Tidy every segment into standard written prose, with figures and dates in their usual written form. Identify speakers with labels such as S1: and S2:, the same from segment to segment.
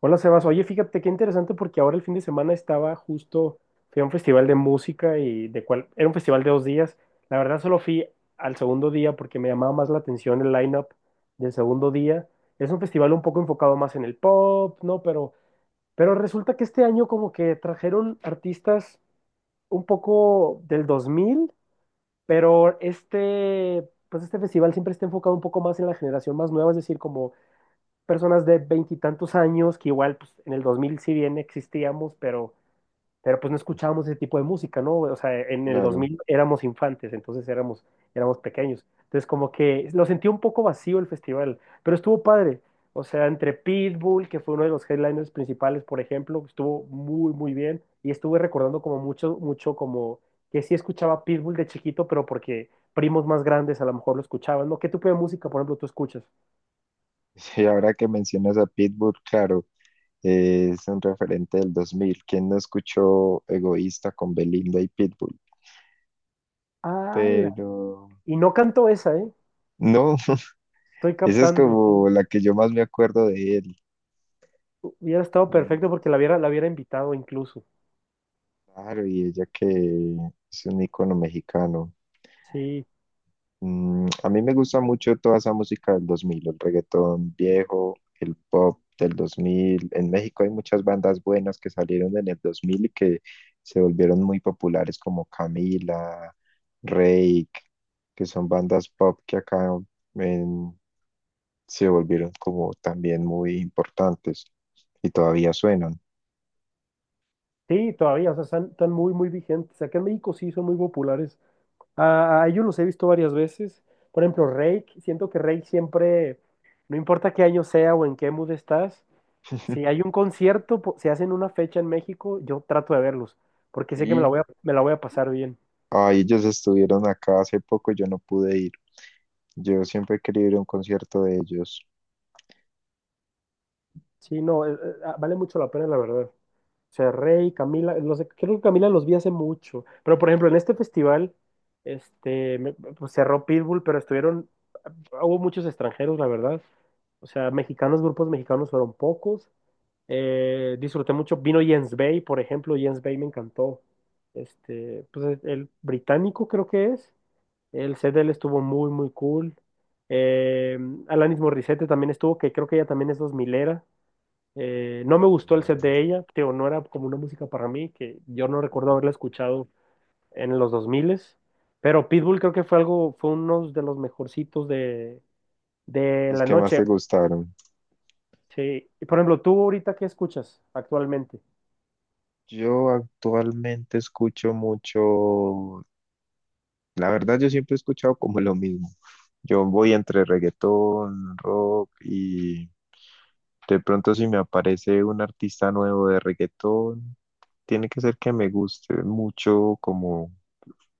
S1: Hola Sebas, oye, fíjate qué interesante porque ahora el fin de semana estaba justo, fui a un festival de música era un festival de 2 días. La verdad solo fui al segundo día porque me llamaba más la atención el line-up del segundo día. Es un festival un poco enfocado más en el pop, ¿no? Pero resulta que este año como que trajeron artistas un poco del 2000, pero este, pues este festival siempre está enfocado un poco más en la generación más nueva, es decir, como personas de veintitantos años que igual pues, en el 2000 si bien existíamos, pero pues no escuchábamos ese tipo de música, ¿no? O sea, en el
S2: Claro.
S1: 2000 éramos infantes, entonces éramos pequeños. Entonces como que lo sentí un poco vacío el festival, pero estuvo padre. O sea, entre Pitbull, que fue uno de los headliners principales, por ejemplo, estuvo muy, muy bien. Y estuve recordando como mucho, mucho como que sí escuchaba Pitbull de chiquito, pero porque primos más grandes a lo mejor lo escuchaban, ¿no? ¿Qué tipo de música, por ejemplo, tú escuchas?
S2: Y ahora que mencionas a Pitbull, claro, es un referente del 2000. ¿Quién no escuchó Egoísta con Belinda y Pitbull?
S1: ¡Hala!
S2: Pero
S1: Y no cantó esa, ¿eh?
S2: no,
S1: Estoy
S2: esa es
S1: captando, sí.
S2: como la que yo más me acuerdo de él.
S1: Hubiera estado
S2: Mm,
S1: perfecto porque la hubiera invitado incluso.
S2: claro, y ella que es un ícono mexicano.
S1: Sí,
S2: Mm, a mí me gusta mucho toda esa música del 2000, el reggaetón viejo, el pop del 2000. En México hay muchas bandas buenas que salieron en el 2000 y que se volvieron muy populares, como Camila, Reik, que son bandas pop que acá en- se volvieron como también muy importantes y todavía suenan.
S1: sí, todavía, o sea, están muy, muy vigentes. Acá en México sí son muy populares. A ellos los he visto varias veces. Por ejemplo, Reik, siento que Reik siempre, no importa qué año sea o en qué mood estás, si hay un concierto, si hacen una fecha en México, yo trato de verlos, porque sé que me la
S2: Sí,
S1: voy a, me la voy a pasar bien.
S2: ay, ellos estuvieron acá hace poco, yo no pude ir. Yo siempre he querido ir a un concierto de ellos.
S1: Sí, no, vale mucho la pena, la verdad. O sea, Rey, Camila, no sé, creo que Camila los vi hace mucho. Pero, por ejemplo, en este festival, pues cerró Pitbull, pero hubo muchos extranjeros, la verdad. O sea, mexicanos, grupos mexicanos fueron pocos. Disfruté mucho. Vino Jens Bay, por ejemplo. Jens Bay me encantó. Pues el británico creo que es. El set de él estuvo muy, muy cool. Eh, Alanis Morissette también estuvo, que creo que ella también es dos milera. No me gustó el set de ella, tío, no era como una música para mí, que yo no recuerdo haberla escuchado en los 2000, pero Pitbull creo que fue uno de los mejorcitos de
S2: Los
S1: la
S2: que más
S1: noche.
S2: te gustaron.
S1: Sí. Y por ejemplo, ¿tú ahorita qué escuchas actualmente?
S2: Yo actualmente escucho mucho, la verdad yo siempre he escuchado como lo mismo. Yo voy entre reggaetón, rock y de pronto, si me aparece un artista nuevo de reggaetón, tiene que ser que me guste mucho, como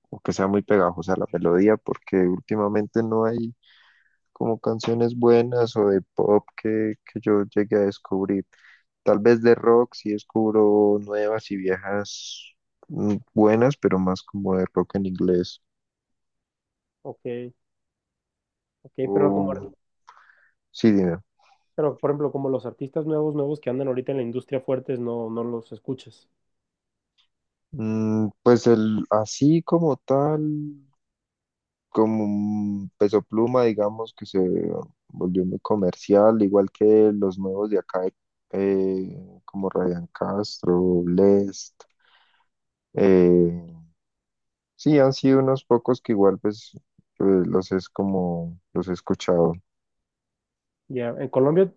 S2: o que sea muy pegajosa la melodía, porque últimamente no hay como canciones buenas o de pop que yo llegue a descubrir. Tal vez de rock sí descubro nuevas y viejas, mm, buenas, pero más como de rock en inglés.
S1: Ok, ok,
S2: O, sí, dime.
S1: pero por ejemplo, como los artistas nuevos, nuevos que andan ahorita en la industria fuertes, no los escuchas.
S2: Mm, pues el, así como tal, como un Peso Pluma, digamos, que se volvió muy comercial, igual que los nuevos de acá, eh, como Ryan Castro, Blest. Eh, sí, han sido unos pocos que igual pues los es como los he escuchado.
S1: Ya. En Colombia,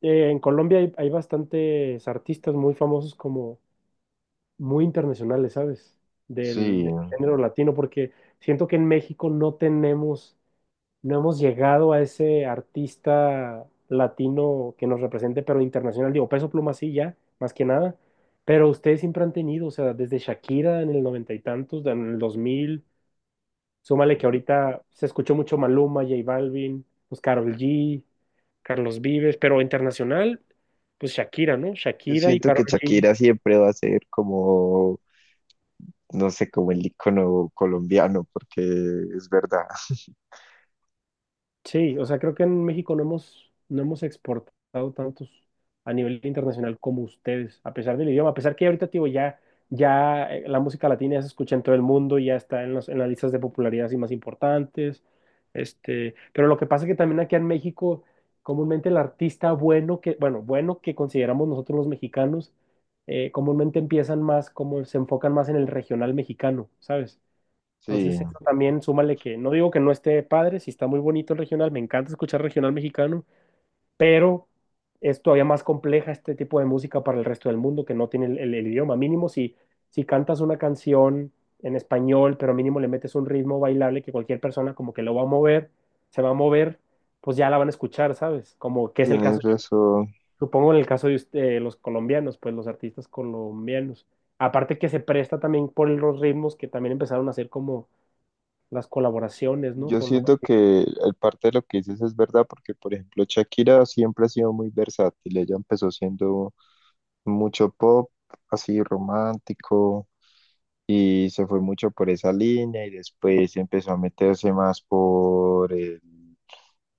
S1: eh, en Colombia hay bastantes artistas muy famosos como muy internacionales, ¿sabes? Del,
S2: Sí.
S1: del género latino, porque siento que en México no tenemos, no hemos llegado a ese artista latino que nos represente, pero internacional, digo, Peso Pluma sí, ya, más que nada, pero ustedes siempre han tenido, o sea, desde Shakira en el noventa y tantos, en el 2000. Súmale que ahorita se escuchó mucho Maluma, J Balvin, pues Karol G, Carlos Vives, pero internacional, pues Shakira, ¿no?
S2: Yo
S1: Shakira y
S2: siento
S1: Karol
S2: que
S1: G.
S2: Shakira siempre va a ser como, no sé, como el icono colombiano, porque es verdad.
S1: Sí, o sea, creo que en México no hemos, no hemos exportado tantos a nivel internacional como ustedes, a pesar del idioma, a pesar que ahorita, tío, ya, ya la música latina ya se escucha en todo el mundo, y ya está en las listas de popularidad así más importantes, pero lo que pasa es que también aquí en México, comúnmente el artista bueno que, bueno, que consideramos nosotros los mexicanos, comúnmente empiezan más, como se enfocan más en el regional mexicano, ¿sabes?
S2: Sí,
S1: Entonces, eso también súmale que no digo que no esté padre, si está muy bonito el regional, me encanta escuchar regional mexicano, pero es todavía más compleja este tipo de música para el resto del mundo que no tiene el idioma. Mínimo si cantas una canción en español, pero mínimo le metes un ritmo bailable que cualquier persona como que lo va a mover, se va a mover, pues ya la van a escuchar, ¿sabes? Como que es el caso,
S2: tienes
S1: yo
S2: razón.
S1: supongo en el caso de los colombianos, pues los artistas colombianos. Aparte que se presta también por los ritmos que también empezaron a hacer como las colaboraciones, ¿no?
S2: Yo
S1: Con los
S2: siento
S1: artistas.
S2: que el parte de lo que dices es verdad, porque por ejemplo Shakira siempre ha sido muy versátil. Ella empezó siendo mucho pop, así romántico, y se fue mucho por esa línea, y después empezó a meterse más por el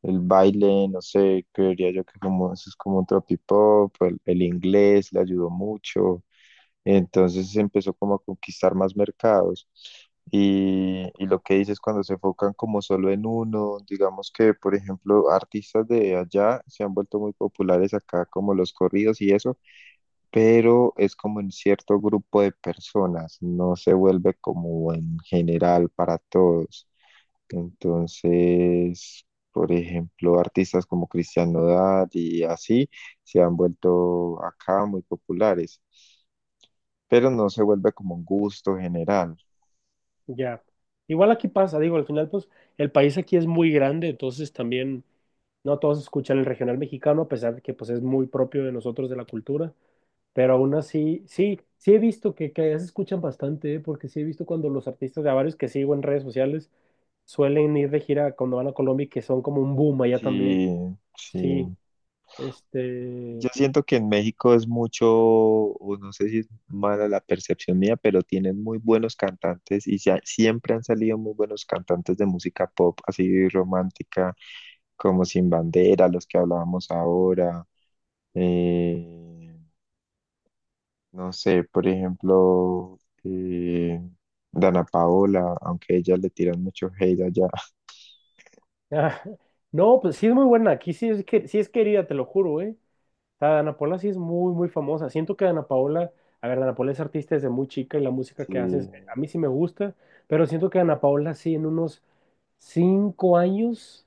S2: El baile. No sé, creería yo que como eso es como un tropipop, el inglés le ayudó mucho, entonces empezó como a conquistar más mercados. Y lo que dices cuando se enfocan como solo en uno, digamos que, por ejemplo, artistas de allá se han vuelto muy populares acá, como los corridos y eso, pero es como en cierto grupo de personas, no se vuelve como en general para todos. Entonces, por ejemplo, artistas como Cristian Nodal y así se han vuelto acá muy populares, pero no se vuelve como un gusto general.
S1: Ya. Igual aquí pasa, digo, al final, pues, el país aquí es muy grande, entonces también no todos escuchan el regional mexicano, a pesar de que, pues, es muy propio de nosotros, de la cultura, pero aún así, sí, sí he visto que ya se escuchan bastante, ¿eh? Porque sí he visto cuando los artistas de a varios que sigo en redes sociales suelen ir de gira cuando van a Colombia y que son como un boom allá también.
S2: Sí, sí.
S1: Sí,
S2: Yo
S1: este...
S2: siento que en México es mucho, o no sé si es mala la percepción mía, pero tienen muy buenos cantantes y siempre han salido muy buenos cantantes de música pop, así romántica, como Sin Bandera, los que hablábamos ahora. Eh, No sé, por ejemplo, eh, Dana Paola, aunque a ella le tiran mucho hate allá.
S1: ah, no, pues sí es muy buena, aquí sí es querida, te lo juro, ¿eh? Sea, Dana Paola sí es muy, muy famosa. Siento que Dana Paola, a ver, Dana Paola es artista desde muy chica y la música que hace,
S2: Sí,
S1: a mí sí me gusta, pero siento que Dana Paola sí en unos 5 años,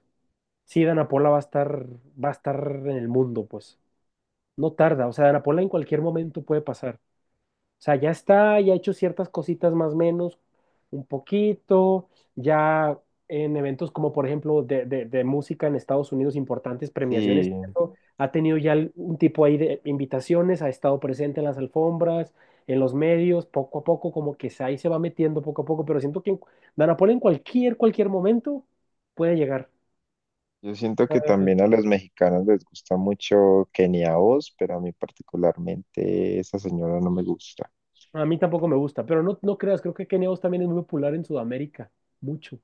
S1: sí, Dana Paola va a estar en el mundo, pues. No tarda, o sea, Dana Paola en cualquier momento puede pasar. O sea, ya está, ya ha hecho ciertas cositas más o menos, un poquito, ya en eventos como por ejemplo de, de música en Estados Unidos, importantes premiaciones,
S2: sí,
S1: ¿cierto? Ha tenido ya un tipo ahí de invitaciones, ha estado presente en las alfombras, en los medios, poco a poco, como que ahí se va metiendo poco a poco, pero siento que Dana Paola en cualquier momento puede llegar.
S2: yo siento que también a los mexicanos les gusta mucho Kenia Oz, pero a mí particularmente esa señora no me gusta.
S1: A mí tampoco me gusta, pero no, no creas, creo que Kenia Os también es muy popular en Sudamérica, mucho,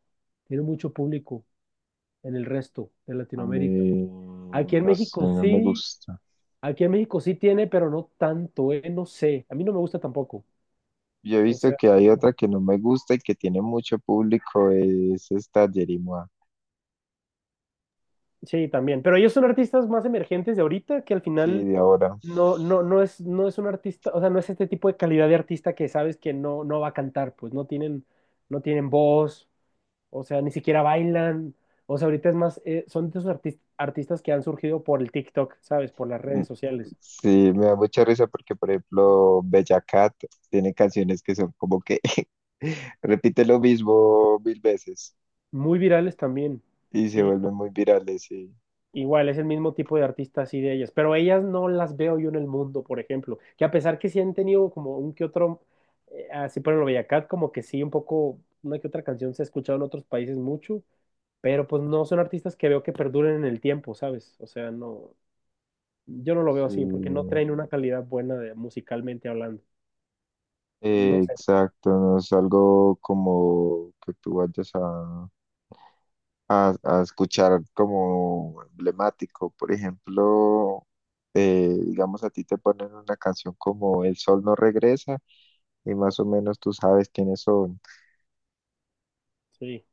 S1: tiene mucho público en el resto de
S2: A
S1: Latinoamérica.
S2: mí,
S1: Aquí en
S2: no sé,
S1: México
S2: no me
S1: sí,
S2: gusta.
S1: aquí en México sí tiene, pero no tanto, no sé. A mí no me gusta tampoco.
S2: Yo he
S1: O
S2: visto
S1: sea,
S2: que hay
S1: no-
S2: otra que no me gusta y que tiene mucho público, es esta Jerimoa.
S1: sí, también. Pero ellos son artistas más emergentes de ahorita, que al
S2: Sí,
S1: final
S2: de ahora.
S1: no es un artista, o sea, no es este tipo de calidad de artista que sabes que no, no va a cantar, pues no tienen voz, o sea, ni siquiera bailan. O sea, ahorita es más, son de esos artistas que han surgido por el TikTok, ¿sabes? Por las redes sociales.
S2: Sí, me da mucha risa porque, por ejemplo, Bella Cat tiene canciones que son como que repite lo mismo 1000 veces
S1: Muy virales también.
S2: y se
S1: Sí,
S2: vuelven muy virales. Sí,
S1: igual, es el mismo tipo de artistas y de ellas, pero ellas no las veo yo en el mundo, por ejemplo, que a pesar que sí han tenido como un que otro, así por ejemplo Bella Cat, como que sí, un poco, una que otra canción se ha escuchado en otros países mucho, pero pues no son artistas que veo que perduren en el tiempo, ¿sabes? O sea, no, yo no lo veo así, porque no
S2: sí,
S1: traen una calidad buena de, musicalmente hablando. No sé,
S2: exacto. No es algo como que tú vayas a escuchar como emblemático. Por ejemplo, digamos, a ti te ponen una canción como El sol no regresa y más o menos tú sabes quiénes son.
S1: sí,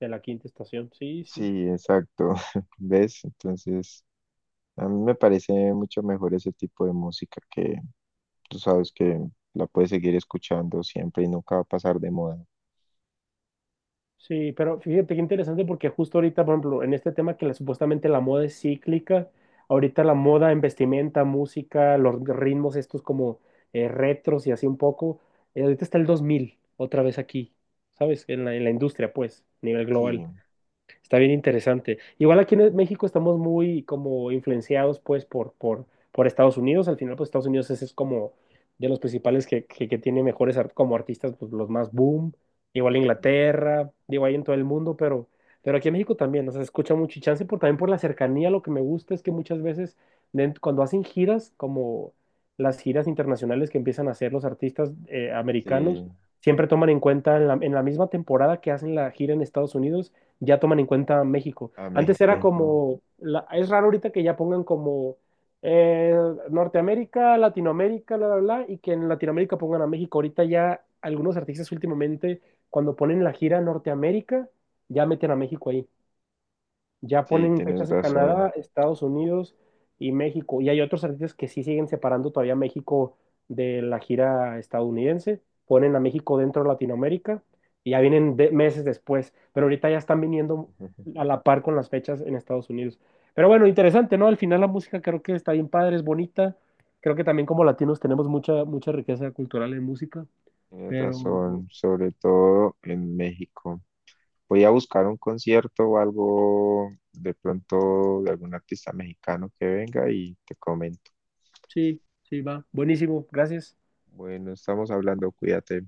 S1: de la quinta estación, sí, sí.
S2: Sí, exacto. ¿Ves? Entonces, a mí me parece mucho mejor ese tipo de música que tú sabes que la puedes seguir escuchando siempre y nunca va a pasar de moda.
S1: Sí, pero fíjate qué interesante porque justo ahorita, por ejemplo, en este tema que supuestamente la moda es cíclica, ahorita la moda en vestimenta, música, los ritmos estos como retros y así un poco, ahorita está el 2000 otra vez aquí, ¿sabes? En la industria, pues, a nivel
S2: Sí,
S1: global. Está bien interesante. Igual aquí en México estamos muy como influenciados pues por Estados Unidos. Al final pues Estados Unidos es como de los principales que tiene mejores como artistas, pues los más boom. Igual Inglaterra, digo ahí en todo el mundo, pero aquí en México también, o sea, se escucha mucho y chance por, también por la cercanía. Lo que me gusta es que muchas veces cuando hacen giras, como las giras internacionales que empiezan a hacer los artistas americanos,
S2: sí,
S1: siempre toman en cuenta en la misma temporada que hacen la gira en Estados Unidos ya toman en cuenta México.
S2: a
S1: Antes era
S2: México, ¿no?
S1: como, es raro ahorita que ya pongan como eh, Norteamérica, Latinoamérica, bla, bla, bla, y que en Latinoamérica pongan a México. Ahorita ya algunos artistas últimamente, cuando ponen la gira Norteamérica, ya meten a México ahí. Ya
S2: Sí,
S1: ponen
S2: tienes
S1: fechas en
S2: razón.
S1: Canadá, Estados Unidos y México. Y hay otros artistas que sí siguen separando todavía México de la gira estadounidense. Ponen a México dentro de Latinoamérica y ya vienen meses después. Pero ahorita ya están viniendo a la par con las fechas en Estados Unidos. Pero bueno, interesante, ¿no? Al final la música creo que está bien padre, es bonita. Creo que también como latinos tenemos mucha, mucha riqueza cultural en música.
S2: Tienes
S1: Pero
S2: razón, sobre todo en México. Voy a buscar un concierto o algo de pronto de algún artista mexicano que venga y te comento.
S1: sí, sí, va. Buenísimo, gracias.
S2: Bueno, estamos hablando, cuídate.